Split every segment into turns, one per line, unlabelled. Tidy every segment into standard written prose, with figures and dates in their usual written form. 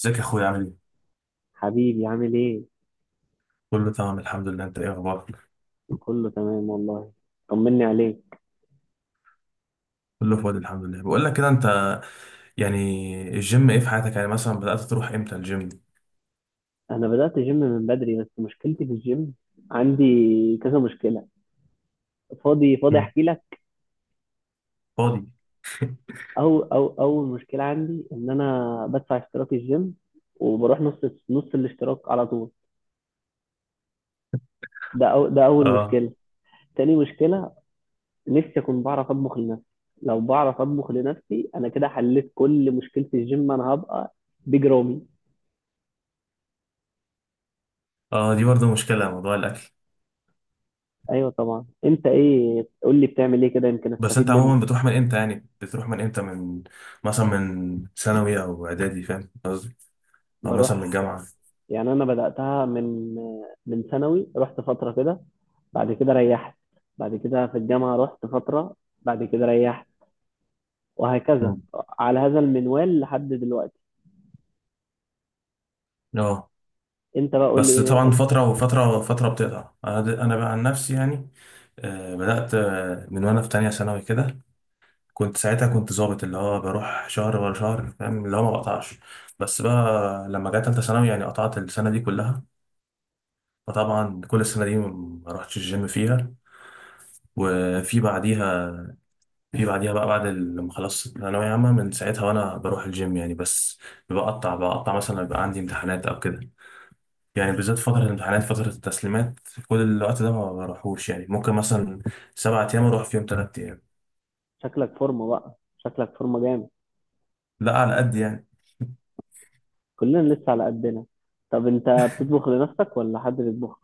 ازيك يا اخويا عامل ايه؟
حبيبي عامل ايه؟
كله تمام الحمد لله، انت ايه اخبارك؟
كله تمام والله. طمني عليك.
كله فاضي الحمد لله. بقول لك كده، انت يعني الجيم ايه في حياتك؟ يعني مثلا بدأت تروح امتى الجيم؟
انا بدأت جيم من بدري، بس مشكلتي في الجيم. عندي كذا مشكلة. فاضي؟ فاضي؟
امم
احكي لك.
فاضي.
او او اول مشكلة عندي ان انا بدفع اشتراك الجيم وبروح نص الاشتراك على طول. ده اول
اه
مشكلة. تاني مشكلة: نفسي اكون بعرف اطبخ لنفسي. لو بعرف اطبخ لنفسي انا كده حليت كل مشكلة الجيم، انا هبقى بيج رامي.
اه دي برضه مشكلة موضوع الاكل.
ايوه طبعا. انت ايه؟ قول لي بتعمل ايه كده يمكن
بس
استفيد
انت
منك.
عموما بتروح من امتى يعني؟ بتروح من امتى من مثلا من ثانوي او اعدادي، فاهم قصدي؟ او مثلا من
بروح
الجامعة.
يعني انا بداتها من ثانوي، رحت فتره كده، بعد كده ريحت. بعد كده في الجامعه رحت فتره، بعد كده ريحت، وهكذا
امم
على هذا المنوال لحد دلوقتي.
اه.
انت بقى، قول لي
بس
ايه
طبعا
انت.
فترة وفترة فترة بتقطع. انا بقى عن نفسي يعني. بدأت من وانا في تانية ثانوي كده. كنت ساعتها كنت ظابط، اللي هو بروح شهر ورا شهر، فاهم اللي هو ما بقطعش. بس بقى لما جت تالتة ثانوي يعني قطعت السنة دي كلها. فطبعا كل السنة دي ما رحتش الجيم فيها. وفي بعديها، في بعديها بقى بعد لما خلصت ثانوية عامة، من ساعتها وأنا بروح الجيم يعني. بس بقطع مثلا لما يبقى عندي امتحانات أو كده، يعني بالذات فترة الامتحانات، فترة التسليمات، كل الوقت ده ما بروحوش يعني. ممكن مثلا 7 أيام أروح فيهم 3 أيام.
شكلك فورمه بقى، شكلك فورمه جامد.
لا على قد يعني.
كلنا لسه على قدنا. طب انت بتطبخ لنفسك ولا حد بيطبخ؟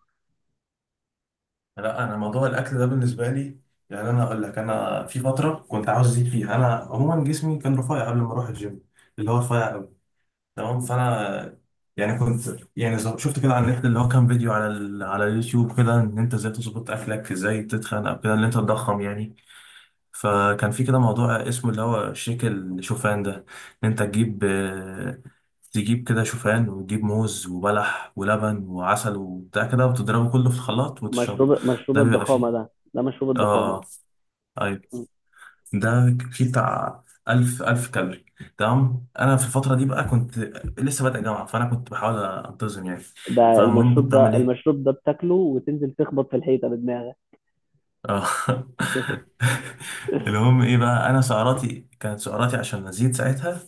لا انا موضوع الاكل ده بالنسبه لي، يعني انا اقول لك انا في فتره كنت عاوز ازيد فيها. انا عموما جسمي كان رفيع قبل ما اروح الجيم، اللي هو رفيع قوي. تمام. فانا يعني كنت يعني شفت كده على النت، اللي هو كان فيديو على على اليوتيوب كده، ان انت ازاي تظبط اكلك، ازاي تتخن او كده، ان انت تضخم يعني. فكان في كده موضوع اسمه اللي هو شيك الشوفان ده. ان انت تجيب تجيب كده شوفان وتجيب موز وبلح ولبن وعسل وبتاع كده، وتضربه كله في الخلاط وتشربه.
مشروب
ده بيبقى
الضخامه
فيه.
ده، مشروب
اه،
الضخامه.
ايوه، ده فيه بتاع 1000 كالوري. تمام، انا في الفتره دي بقى كنت لسه بادئ جامعه، فانا كنت بحاول انتظم يعني.
ده
فالمهم
المشروب
كنت بعمل
ده
ايه.
المشروب ده بتاكله وتنزل تخبط في الحيطه بدماغك.
اه المهم ايه بقى، انا سعراتي كانت، سعراتي عشان ازيد ساعتها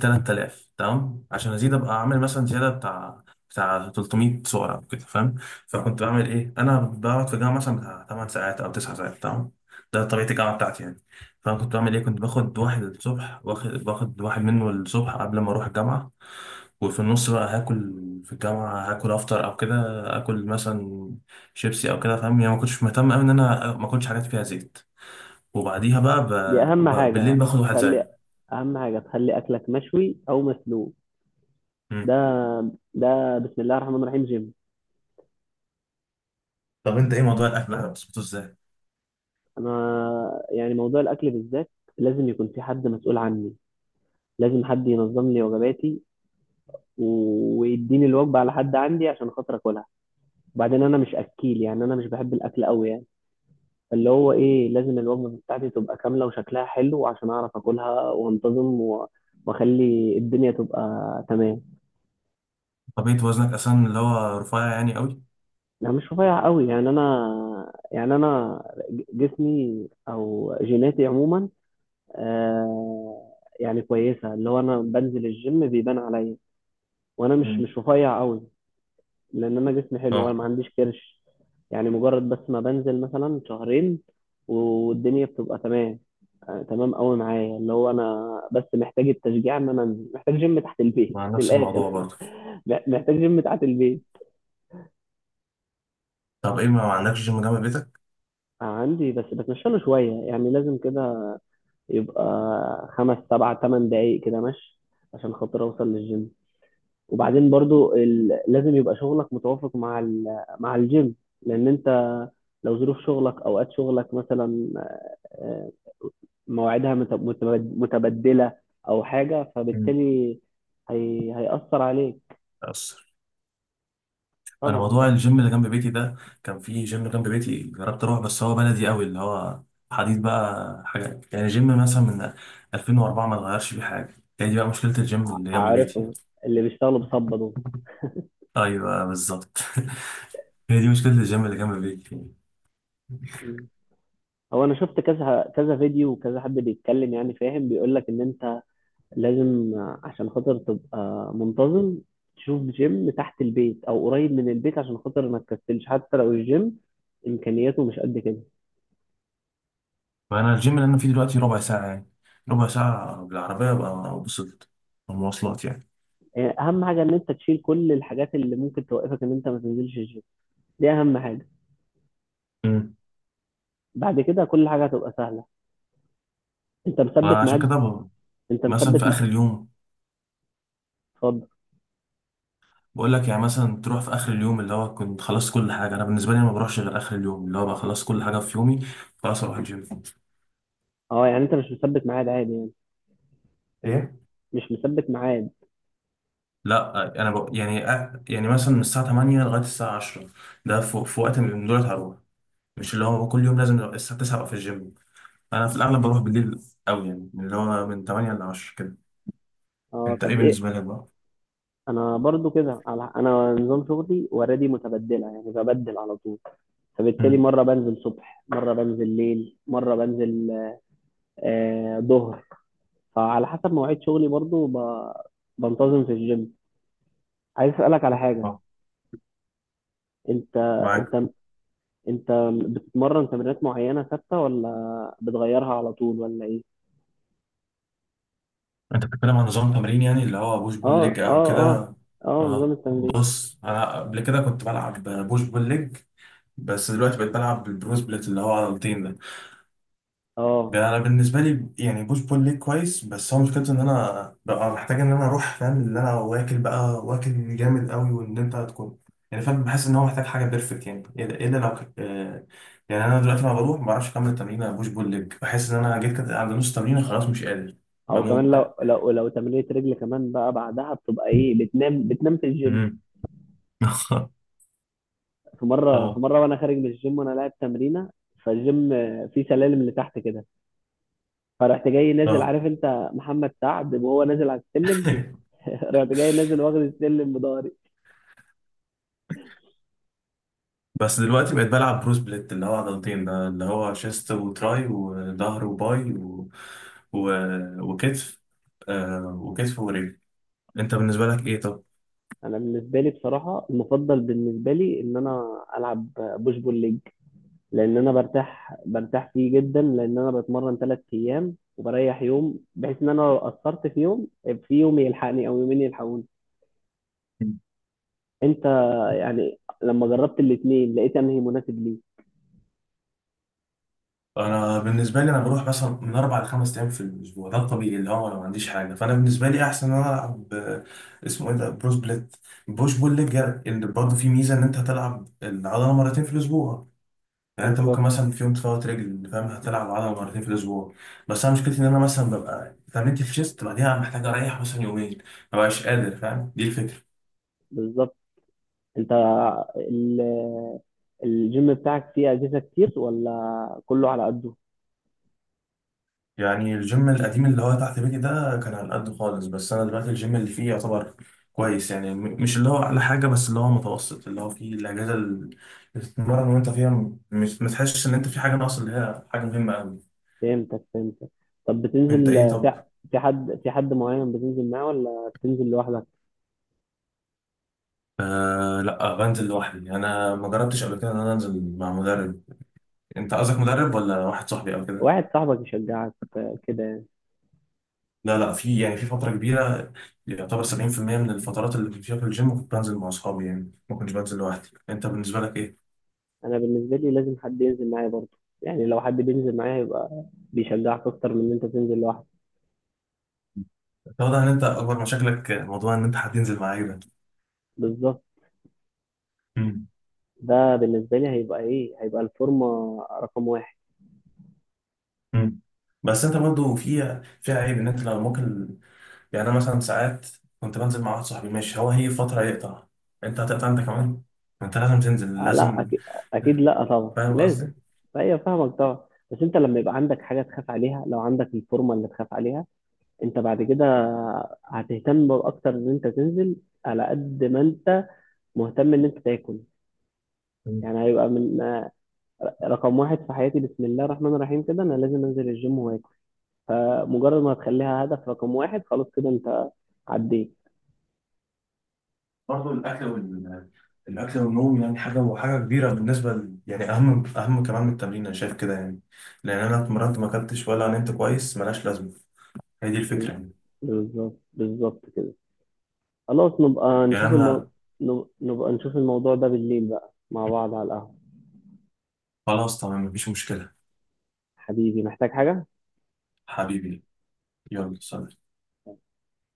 3000. تمام، عشان ازيد ابقى اعمل مثلا زياده بتاع 300 صوره او كده، فاهم. فكنت بعمل ايه؟ انا بقعد في الجامعه مثلا بتاع 8 ساعات او 9 ساعات، تمام، ده طبيعه الجامعه بتاعتي يعني. فانا كنت بعمل ايه؟ كنت باخد واحد الصبح، باخد واحد منه الصبح قبل ما اروح الجامعه. وفي النص بقى هاكل، في الجامعه هاكل افطر او كده. اكل مثلا شيبسي او كده، فاهم يعني، ما كنتش مهتم قوي ان انا ما اكلش حاجات فيها زيت. وبعديها بقى
دي اهم حاجه.
بالليل باخد واحد
تخلي
زيه.
اهم حاجه تخلي اكلك مشوي او مسلوق.
مم.
ده ده بسم الله الرحمن الرحيم جيم.
طب انت ايه موضوع الاكل ده بتظبطه ازاي؟
انا يعني موضوع الاكل بالذات لازم يكون في حد مسؤول عني، لازم حد ينظم لي وجباتي ويديني الوجبه على حد عندي عشان خاطر اكلها. وبعدين انا مش اكيل يعني، انا مش بحب الاكل قوي يعني. فاللي هو ايه، لازم الوجبه بتاعتي تبقى كامله وشكلها حلو عشان اعرف اكلها وانتظم واخلي الدنيا تبقى تمام.
طبيعة وزنك أساسا اللي هو رفيع يعني قوي؟
لا مش رفيع قوي يعني. انا يعني انا، جسمي او جيناتي عموما، آه يعني كويسه، اللي هو انا بنزل الجيم بيبان عليا، وانا مش
مم.
مش رفيع قوي. لان انا جسمي حلو وانا
اه.
ما عنديش كرش. يعني مجرد بس ما بنزل مثلا شهرين والدنيا بتبقى تمام. تمام قوي معايا. اللي هو انا بس محتاج التشجيع ان انا انزل، محتاج جيم تحت البيت
مع
من
نفس
الاخر.
الموضوع برضه.
محتاج جيم تحت البيت.
طب إيه ما عندكش جيم جنب بيتك؟
عندي، بس بتمشى له شويه يعني. لازم كده يبقى خمس سبع تمن دقايق كده مشي عشان خاطر اوصل للجيم. وبعدين برضو لازم يبقى شغلك متوافق مع مع الجيم. لان انت لو ظروف شغلك، اوقات شغلك مثلا، آه، مواعيدها متبدله او حاجه،
مم.
فبالتالي هيأثر عليك.
أصر. أنا
طبعا.
موضوع الجيم اللي جنب بيتي ده، كان في جيم جنب بيتي جربت أروح، بس هو بلدي قوي، اللي هو حديد بقى حاجة، يعني جيم مثلا من 2004 ما اتغيرش فيه حاجة. هي دي بقى مشكلة الجيم اللي جنب بيتي يعني.
عارفهم، اللي بيشتغلوا بصبة دول.
أيوه بالظبط. هي دي مشكلة الجيم اللي جنب بيتي يعني.
مم. هو انا شفت كذا فيديو، وكذا حد بيتكلم يعني، فاهم، بيقول لك ان انت لازم عشان خاطر تبقى منتظم تشوف جيم تحت البيت او قريب من البيت عشان خاطر ما تكسلش، حتى لو الجيم امكانياته مش قد كده.
فأنا الجيم اللي أنا فيه دلوقتي ربع ساعة يعني. ربع ساعة بالعربية بقى وصلت المواصلات
اهم حاجه ان انت تشيل كل الحاجات اللي ممكن توقفك ان انت ما تنزلش الجيم، دي اهم حاجه.
يعني.
بعد كده كل حاجه هتبقى سهله. انت مثبت
فعشان
ميعاد.
كده
انت
مثلا
مثبت.
في اخر اليوم،
اتفضل.
بقول لك يعني مثلا تروح في اخر اليوم اللي هو كنت خلصت كل حاجه. انا بالنسبه لي، أنا ما بروحش غير اخر اليوم اللي هو بقى خلصت كل حاجه في يومي، خلاص اروح الجيم.
اه يعني انت مش مثبت ميعاد عادي يعني.
ايه.
مش مثبت ميعاد.
لا، انا يعني يعني مثلا من الساعه 8 لغايه الساعه 10، ده في وقت من دول هروح. مش اللي هو كل يوم لازم أبقى الساعه 9 ابقى في الجيم. انا في الاغلب بروح بالليل قوي يعني، اللي هو من 8 ل 10 كده.
اه
انت ايه
طب
بالنسبه
ايه؟
لك بقى؟
انا برضو كده انا نظام شغلي وردي متبدله يعني، ببدل على طول. فبالتالي
امم
مره بنزل صبح، مره بنزل ليل، مره بنزل ظهر. فعلى حسب مواعيد شغلي برضو بنتظم في الجيم. عايز اسالك على حاجه.
اه.
انت
معاك.
انت انت بتتمرن تمرينات معينه ثابته ولا بتغيرها على طول ولا ايه؟
انت بتتكلم عن نظام تمرين يعني اللي هو بوش بول ليج
اه،
او
اه، اه،
كده؟
اه، نظام
اه
التمرين.
بص، انا قبل كده كنت بلعب بوش بول ليج، بس دلوقتي بقيت بلعب بالبرو سبليت اللي هو عضلتين.
اه،
ده انا بالنسبه لي، يعني بوش بول ليج كويس، بس هو مشكلته ان انا ببقى محتاج ان انا اروح، فاهم اللي انا، واكل بقى، واكل جامد قوي، وان انت تكون يعني، فاهم. بحس ان هو محتاج حاجه بيرفكت يعني، الا إلا لو يعني انا دلوقتي لما بروح ما بعرفش اكمل تمرين بوش بول ليج. بحس ان انا جيت كده عند نص تمرين خلاص مش قادر،
او كمان
بموت.
لو لو تمرينة رجل كمان بقى، بعدها بتبقى ايه، بتنام، بتنام في الجيم.
مم.
في مره في
اه
مره وانا خارج من الجيم وانا لاعب تمرينه، فالجيم فيه سلالم لتحت كده، فرحت جاي نازل،
اه
عارف انت محمد سعد وهو نازل على السلم. رحت جاي نازل واخد السلم بضهري.
بس دلوقتي بقيت بلعب برو سبليت اللي هو عضلتين ده، اللي هو شيست وتراي وظهر وباي و... وكتف. وكتف ورجل. انت بالنسبة لك ايه طب؟
انا بالنسبه لي بصراحه، المفضل بالنسبه لي ان انا العب بوش بول ليج، لان انا برتاح فيه جدا، لان انا بتمرن 3 ايام وبريح يوم، بحيث ان انا لو قصرت في يوم، في يوم يلحقني او يومين يلحقوني. انت، يعني لما جربت الاثنين لقيت انهي مناسب ليك؟
انا بالنسبه لي، انا بروح مثلا من اربع لخمس ايام في الاسبوع، ده الطبيعي اللي هو انا ما عنديش حاجه. فانا بالنسبه لي احسن ان انا العب اسمه ايه ده، بروس بليت، بوش بول ليج. اللي برضه فيه ميزه ان انت هتلعب العضله مرتين في الاسبوع. يعني انت ممكن
بالظبط،
مثلا في يوم تفوت رجل، فاهم، هتلعب عضله مرتين في الاسبوع. بس انا مشكلتي ان انا مثلا ببقى اتمرنت في شيست، بعديها محتاج اريح مثلا يومين، ما بقاش قادر، فاهم، دي الفكره.
بالظبط. انت ال- الجيم بتاعك فيه اجهزه كتير ولا كله على قده؟
يعني الجيم القديم اللي هو تحت بيتي ده كان على قد خالص، بس انا دلوقتي الجيم اللي فيه يعتبر كويس يعني. مش اللي هو اعلى حاجه، بس اللي هو متوسط، اللي هو فيه الاجهزه اللي بتتمرن وانت فيها مش ما تحسش ان انت في حاجه ناقصه، اللي هي حاجه مهمه قوي.
فهمتك، فهمتك. طب
انت
بتنزل
ايه طب؟
في في حد معين بتنزل معاه ولا بتنزل لوحدك؟
آه لا، بنزل لوحدي. انا ما جربتش قبل كده ان انا انزل مع مدرب. انت قصدك مدرب ولا واحد صاحبي او كده؟
واحد صاحبك يشجعك، كده يعني.
لا لا، في يعني في فتره كبيره، يعتبر 70% من الفترات اللي كنت فيها في الجيم كنت بنزل مع اصحابي يعني، ما كنتش بنزل لوحدي. انت بالنسبه لك ايه؟
انا بالنسبه لي لازم حد ينزل معايا برضه يعني. لو حد بينزل معايا هيبقى بيشجعك اكتر من ان انت تنزل لوحدك.
واضح ان انت اكبر مشاكلك موضوع ان انت هتنزل مع عيلة.
بالظبط.
امم
ده بالنسبه لي هيبقى ايه، هيبقى الفورمه رقم واحد.
امم بس انت برضه في عيب ان انت لو ممكن يعني. انا مثلا ساعات كنت بنزل مع واحد صاحبي، ماشي، هو هي فتره يقطع، انت هتقطع انت كمان. انت لازم تنزل
آه لا
لازم.
أكيد، أكيد. لا طبعا
فاهم
لازم.
قصدي؟
فهي فاهمك طبعا. بس أنت لما يبقى عندك حاجة تخاف عليها، لو عندك الفورمة اللي تخاف عليها، أنت بعد كده هتهتم أكتر إن أنت تنزل، على قد ما أنت مهتم إن أنت تاكل. يعني هيبقى من رقم واحد في حياتي بسم الله الرحمن الرحيم كده، أنا لازم أنزل الجيم وآكل. فمجرد ما هتخليها هدف رقم واحد، خلاص كده أنت عديت.
برضه الاكل الاكل والنوم يعني حاجه وحاجه كبيره بالنسبه يعني اهم اهم كمان من التمرين، انا شايف كده يعني. لان انا اتمرنت ما اكلتش ولا نمت كويس ملهاش لازمه، هي دي الفكره يعني.
بالظبط، بالظبط كده. خلاص نبقى
يعني
نشوف
انا.
نبقى نشوف الموضوع ده بالليل بقى مع بعض على القهوة.
خلاص تمام مفيش مشكله.
حبيبي محتاج حاجة؟
حبيبي. يلا سلام.